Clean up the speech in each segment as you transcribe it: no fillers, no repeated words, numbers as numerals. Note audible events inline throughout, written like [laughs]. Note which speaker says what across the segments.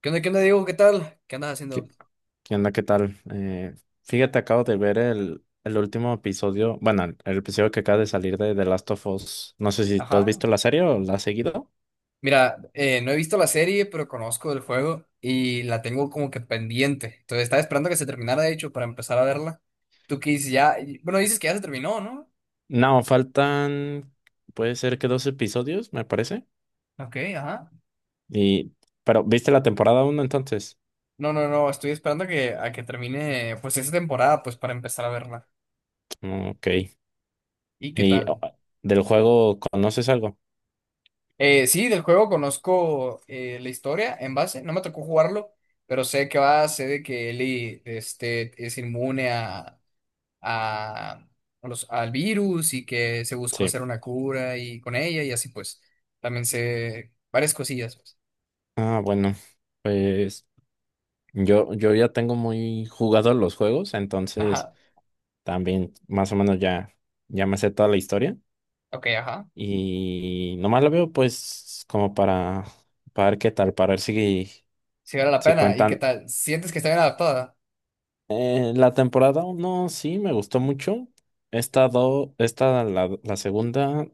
Speaker 1: Qué onda, Diego? ¿Qué tal? ¿Qué andas
Speaker 2: ¿Qué,
Speaker 1: haciendo?
Speaker 2: qué onda? ¿Qué tal? Fíjate, acabo de ver el último episodio, bueno, el episodio que acaba de salir de The Last of Us. No sé si tú has
Speaker 1: Ajá.
Speaker 2: visto la serie o la has seguido.
Speaker 1: Mira, no he visto la serie, pero conozco el juego y la tengo como que pendiente. Entonces estaba esperando que se terminara, de hecho, para empezar a verla. Tú que dices ya, bueno, dices que ya se terminó, ¿no?
Speaker 2: No, faltan, puede ser que dos episodios, me parece.
Speaker 1: Ok, ajá.
Speaker 2: Y, pero, ¿viste la temporada uno entonces?
Speaker 1: No, no, no, estoy esperando a que termine pues esa temporada, pues para empezar a verla.
Speaker 2: Mm, Ok.
Speaker 1: ¿Y qué
Speaker 2: ¿Y oh,
Speaker 1: tal?
Speaker 2: del juego conoces algo?
Speaker 1: Sí, del juego conozco la historia en base, no me tocó jugarlo, pero sé que va, sé de que Ellie este, es inmune a a a los, al virus y que se buscó
Speaker 2: Sí.
Speaker 1: hacer una cura y con ella y así pues también sé varias cosillas, pues.
Speaker 2: Ah, bueno, pues yo ya tengo muy jugado los juegos, entonces
Speaker 1: Ajá,
Speaker 2: también más o menos ya, ya me sé toda la historia.
Speaker 1: ok, ajá.
Speaker 2: Y nomás lo veo pues como para ver qué tal, para ver si,
Speaker 1: Si vale la
Speaker 2: si
Speaker 1: pena. ¿Y qué
Speaker 2: cuentan.
Speaker 1: tal? ¿Sientes que está bien adaptada?
Speaker 2: La temporada uno sí me gustó mucho. Esta, esta la, la segunda,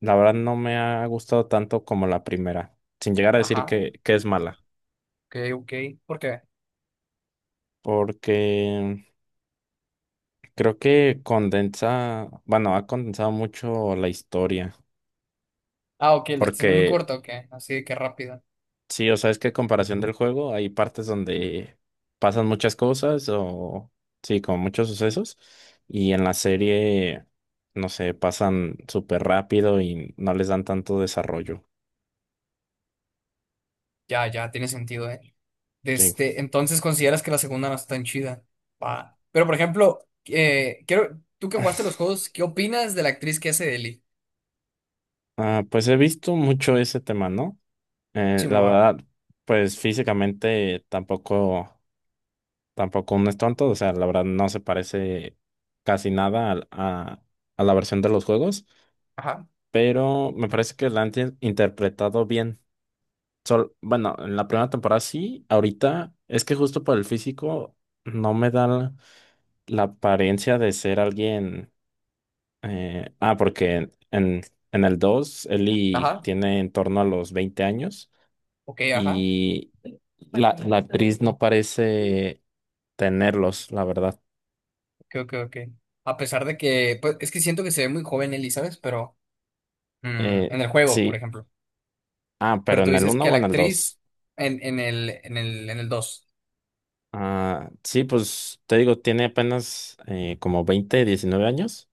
Speaker 2: la verdad no me ha gustado tanto como la primera, sin llegar a decir
Speaker 1: Ajá, ok,
Speaker 2: que es mala,
Speaker 1: ok. ¿Por qué?
Speaker 2: porque creo que condensa, bueno, ha condensado mucho la historia,
Speaker 1: Ah, ok, la está haciendo muy
Speaker 2: porque
Speaker 1: corta, ok. Así que rápida.
Speaker 2: sí, o sea, es que a comparación del juego hay partes donde pasan muchas cosas o sí, como muchos sucesos y en la serie, no sé, pasan súper rápido y no les dan tanto desarrollo.
Speaker 1: Ya, ya, tiene sentido, ¿eh?
Speaker 2: Sí.
Speaker 1: Desde, entonces consideras que la segunda no está tan chida. Va. Pero por ejemplo, tú que jugaste los juegos, ¿qué opinas de la actriz que hace de Ellie?
Speaker 2: Ah, pues he visto mucho ese tema, ¿no? La
Speaker 1: Simón.
Speaker 2: verdad, pues físicamente tampoco, tampoco uno es tonto, o sea, la verdad no se parece casi nada a la versión de los juegos,
Speaker 1: Ajá,
Speaker 2: pero me parece que la han interpretado bien. Sol, bueno, en la primera temporada sí, ahorita es que justo por el físico no me da la, la apariencia de ser alguien. Porque el 2 Ellie
Speaker 1: ajá.
Speaker 2: tiene en torno a los 20 años
Speaker 1: Ok, ajá.
Speaker 2: y la actriz no parece tenerlos, la verdad.
Speaker 1: Creo que, ok, ok. A pesar de que, pues, es que siento que se ve muy joven Ellie, ¿sabes? Pero mm,
Speaker 2: Eh,
Speaker 1: en el juego, por
Speaker 2: sí,
Speaker 1: ejemplo. Pero
Speaker 2: pero
Speaker 1: tú
Speaker 2: en el
Speaker 1: dices
Speaker 2: uno
Speaker 1: que a
Speaker 2: o
Speaker 1: la
Speaker 2: en el
Speaker 1: actriz
Speaker 2: dos.
Speaker 1: en el dos.
Speaker 2: Ah, sí, pues te digo, tiene apenas como 20 19 años.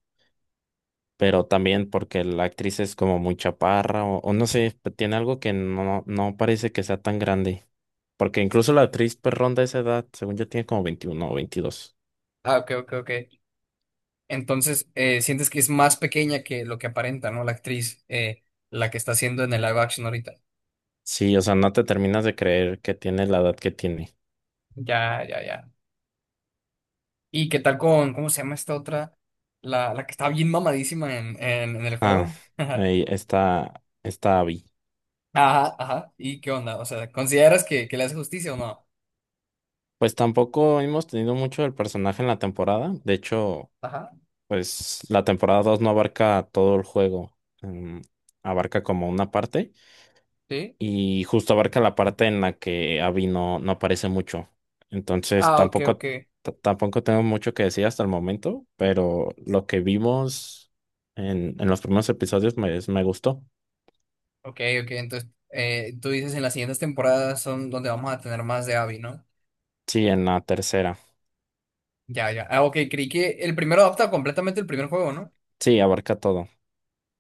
Speaker 2: Pero también porque la actriz es como muy chaparra o no sé, tiene algo que no, no parece que sea tan grande. Porque incluso la actriz pues ronda esa edad, según yo tiene como 21 o 22.
Speaker 1: Ah, ok, ok, ok. Entonces, sientes que es más pequeña que lo que aparenta, ¿no? La actriz, la que está haciendo en el live action ahorita.
Speaker 2: Sí, o sea, no te terminas de creer que tiene la edad que tiene.
Speaker 1: Ya, ya, ya. ¿Y qué tal con, cómo se llama esta otra? La que está bien mamadísima en el
Speaker 2: Ah,
Speaker 1: juego. [laughs]
Speaker 2: ahí está, está Abby.
Speaker 1: Ajá, ajá. ¿Y qué onda? O sea, ¿consideras que le hace justicia o no?
Speaker 2: Pues tampoco hemos tenido mucho del personaje en la temporada. De hecho,
Speaker 1: Ajá,
Speaker 2: pues la temporada 2 no abarca todo el juego. Mm, abarca como una parte.
Speaker 1: sí.
Speaker 2: Y justo abarca la parte en la que Abby no, no aparece mucho. Entonces
Speaker 1: Ah, ok, ok.
Speaker 2: tampoco, tampoco tengo mucho que decir hasta el momento, pero lo que vimos en los primeros episodios me, me gustó.
Speaker 1: Ok, ok. Entonces, tú dices en las siguientes temporadas son donde vamos a tener más de Abby, ¿no?
Speaker 2: Sí, en la tercera.
Speaker 1: Ya, ya. Ah, ok, creí que el primero adapta completamente el primer juego, ¿no?
Speaker 2: Sí, abarca todo.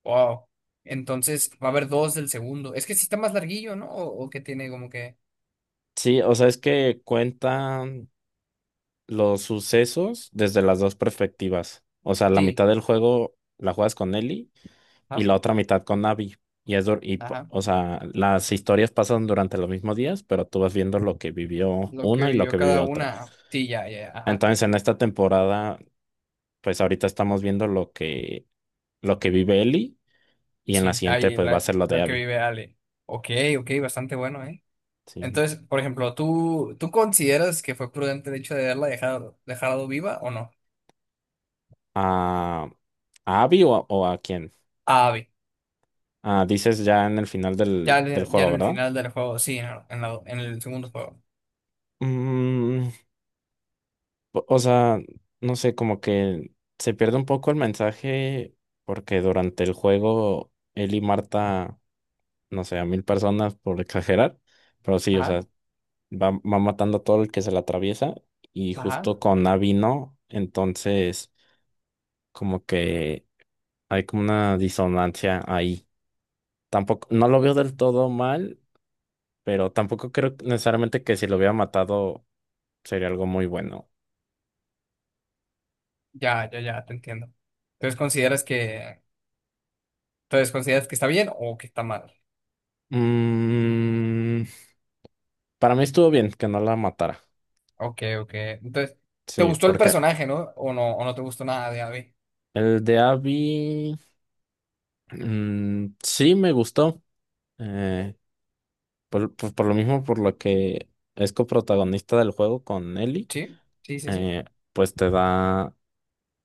Speaker 1: Wow. Entonces, va a haber dos del segundo. Es que sí está más larguillo, ¿no? O que tiene como que.
Speaker 2: Sí, o sea, es que cuentan los sucesos desde las dos perspectivas. O sea, la
Speaker 1: Sí.
Speaker 2: mitad del juego la juegas con Ellie y
Speaker 1: Ajá.
Speaker 2: la otra mitad con Abby. Y es,
Speaker 1: Ajá.
Speaker 2: o sea, las historias pasan durante los mismos días, pero tú vas viendo lo que vivió
Speaker 1: Lo que
Speaker 2: una y lo
Speaker 1: vivió
Speaker 2: que
Speaker 1: cada
Speaker 2: vivió otra.
Speaker 1: una. Sí, ya, ya, ya, ajá.
Speaker 2: Entonces, en esta temporada, pues ahorita estamos viendo lo que vive Ellie y en la
Speaker 1: Sí.
Speaker 2: siguiente,
Speaker 1: Ahí,
Speaker 2: pues va a ser lo de
Speaker 1: lo que
Speaker 2: Abby.
Speaker 1: vive Ale. Ok, ok, bastante bueno, ¿eh?
Speaker 2: Sí.
Speaker 1: Entonces, por ejemplo, ¿tú consideras que fue prudente el hecho de dejado viva o no?
Speaker 2: ¿A, a Abby o a quién?
Speaker 1: Ah,
Speaker 2: Ah, dices ya en el final
Speaker 1: ya,
Speaker 2: del, del
Speaker 1: ya en
Speaker 2: juego,
Speaker 1: el
Speaker 2: ¿verdad?
Speaker 1: final del juego, sí, en el segundo juego.
Speaker 2: Mm, o sea, no sé, como que se pierde un poco el mensaje porque durante el juego él y Marta, no sé, a 1000 personas por exagerar, pero sí, o
Speaker 1: Ajá,
Speaker 2: sea, va, va matando a todo el que se le atraviesa y justo
Speaker 1: ajá.
Speaker 2: con Abby no, entonces como que hay como una disonancia ahí. Tampoco, no lo veo del todo mal, pero tampoco creo necesariamente que si lo hubiera matado sería algo muy bueno.
Speaker 1: Ya, ya, ya, te entiendo. Entonces consideras que, entonces consideras que está bien o que está mal.
Speaker 2: Mmm... Para mí estuvo bien que no la matara.
Speaker 1: Ok, ok. Entonces, ¿te
Speaker 2: Sí,
Speaker 1: gustó el
Speaker 2: porque
Speaker 1: personaje, no? O no, o no te gustó nada de Abby.
Speaker 2: el de Abby mm, sí me gustó. eh, por, por lo mismo, por lo que es coprotagonista del juego con Ellie,
Speaker 1: Sí, sí, sí, sí.
Speaker 2: eh, pues te da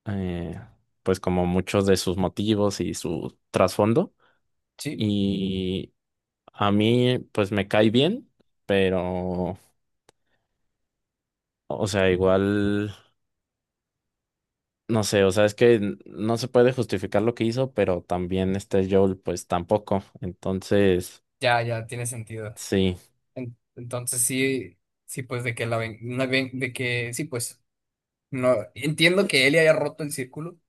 Speaker 2: eh, pues como muchos de sus motivos y su trasfondo.
Speaker 1: Sí,
Speaker 2: Y a mí pues me cae bien, pero o sea, igual no sé, o sea, es que no se puede justificar lo que hizo, pero también este Joel, pues tampoco. Entonces,
Speaker 1: ya, ya, tiene sentido.
Speaker 2: sí,
Speaker 1: En- entonces sí, sí, pues de que la ven, de que, sí, pues, no, entiendo que él haya roto el círculo.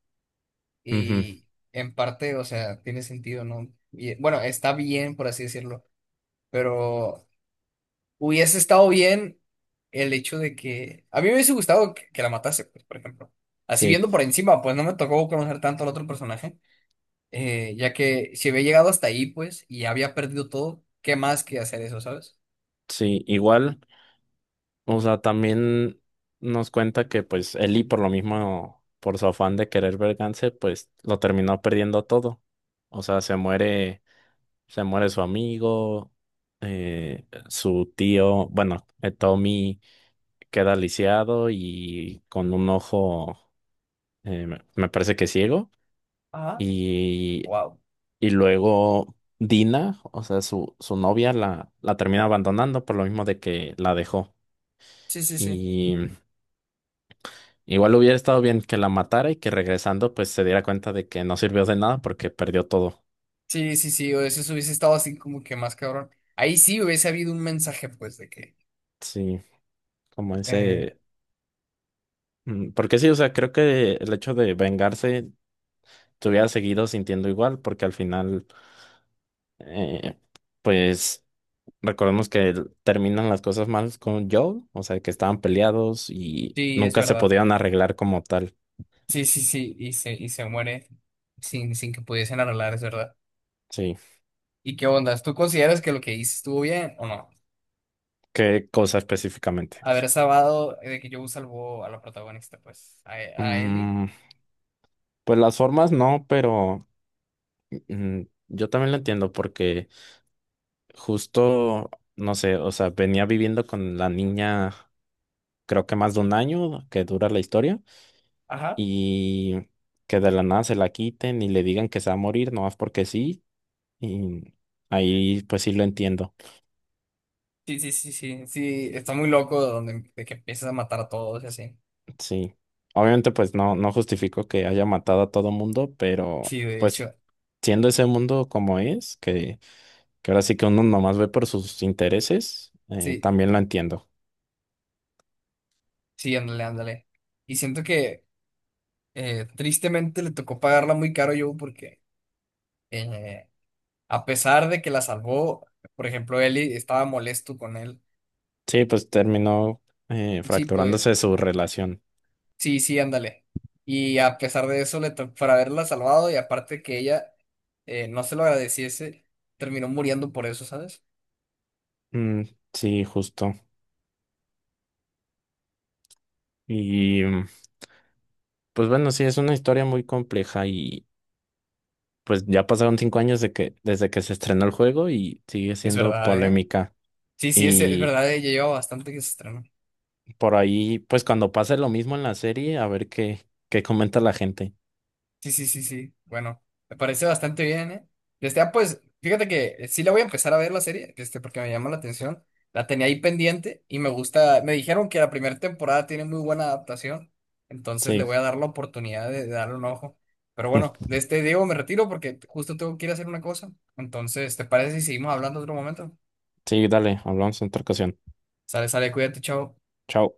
Speaker 2: ujú,
Speaker 1: Y en parte, o sea, tiene sentido, ¿no? Y, bueno, está bien, por así decirlo, pero hubiese estado bien el hecho de que... A mí me hubiese gustado que la matase, pues, por ejemplo. Así
Speaker 2: sí,
Speaker 1: viendo por encima, pues no me tocó conocer tanto al otro personaje, ya que si había llegado hasta ahí, pues, y había perdido todo, ¿qué más que hacer eso, sabes?
Speaker 2: sí, igual, o sea, también nos cuenta que pues Ellie por lo mismo, por su afán de querer vengarse, pues lo terminó perdiendo todo. O sea, se muere su amigo, su tío, bueno, Tommy queda lisiado y con un ojo, me parece que ciego.
Speaker 1: Ajá.
Speaker 2: Y,
Speaker 1: Wow.
Speaker 2: y luego Dina, o sea, su novia la, la termina abandonando por lo mismo de que la dejó.
Speaker 1: Sí, sí, sí.
Speaker 2: Y igual hubiera estado bien que la matara y que regresando pues se diera cuenta de que no sirvió de nada porque perdió todo.
Speaker 1: Sí, sí, sí. O eso hubiese estado así como que más cabrón. Ahí sí hubiese habido un mensaje, pues, de que
Speaker 2: Sí, como
Speaker 1: eh,
Speaker 2: ese... mm, porque sí, o sea, creo que el hecho de vengarse te hubiera seguido sintiendo igual porque al final, eh, pues... Recordemos que terminan las cosas mal con Joel, o sea, que estaban peleados y
Speaker 1: sí, es
Speaker 2: nunca se
Speaker 1: verdad.
Speaker 2: podían arreglar como tal.
Speaker 1: Sí, sí, sí, y y se muere sin que pudiesen arreglar, es verdad.
Speaker 2: Sí,
Speaker 1: ¿Y qué ondas? ¿Tú consideras que lo que hice estuvo bien o no?
Speaker 2: ¿qué cosa específicamente?
Speaker 1: Haber salvado, de que yo salvó a la protagonista, pues, a Ellie.
Speaker 2: Mm, pues las formas no, pero mm, yo también lo entiendo porque justo, no sé, o sea, venía viviendo con la niña creo que más de un año que dura la historia
Speaker 1: Ajá.
Speaker 2: y que de la nada se la quiten y le digan que se va a morir, no más porque sí, y ahí pues sí lo entiendo.
Speaker 1: Sí, sí, sí, sí, sí, está muy loco de que empiezas a matar a todos y así.
Speaker 2: Sí, obviamente pues no, no justifico que haya matado a todo mundo, pero
Speaker 1: Sí, de
Speaker 2: pues
Speaker 1: hecho,
Speaker 2: siendo ese mundo como es, que ahora sí que uno nomás ve por sus intereses,
Speaker 1: sí,
Speaker 2: también lo entiendo.
Speaker 1: sí, ándale, ándale. Y siento que tristemente le tocó pagarla muy caro yo porque eh, a pesar de que la salvó, por ejemplo, Ellie estaba molesto con él.
Speaker 2: Sí, pues terminó
Speaker 1: Sí, pues
Speaker 2: fracturándose su relación.
Speaker 1: sí, sí, ándale. Y a pesar de eso, por haberla salvado y aparte que ella no se lo agradeciese, terminó muriendo por eso, ¿sabes?
Speaker 2: Mm, sí, justo. Y mm, pues bueno, sí, es una historia muy compleja y pues ya pasaron 5 años de que, desde que se estrenó el juego y sigue
Speaker 1: Es
Speaker 2: siendo
Speaker 1: verdad, ¿eh?
Speaker 2: polémica.
Speaker 1: Sí, sí, es
Speaker 2: Y
Speaker 1: verdad, ella lleva bastante que se estrenó.
Speaker 2: por ahí, pues cuando pase lo mismo en la serie, a ver qué, qué comenta la gente.
Speaker 1: Sí, sí, sí, sí. Bueno, me parece bastante bien, ¿eh? Este, ah, pues, fíjate que sí la voy a empezar a ver la serie, este, porque me llama la atención. La tenía ahí pendiente y me gusta. Me dijeron que la primera temporada tiene muy buena adaptación, entonces le
Speaker 2: Sí,
Speaker 1: voy a dar la oportunidad de darle un ojo. Pero bueno,
Speaker 2: [laughs]
Speaker 1: de este Diego me retiro porque justo tengo que ir a hacer una cosa. Entonces, ¿te parece si seguimos hablando otro momento?
Speaker 2: sí, dale, hablamos en otra ocasión.
Speaker 1: Sale, sale, cuídate, chao.
Speaker 2: Chao.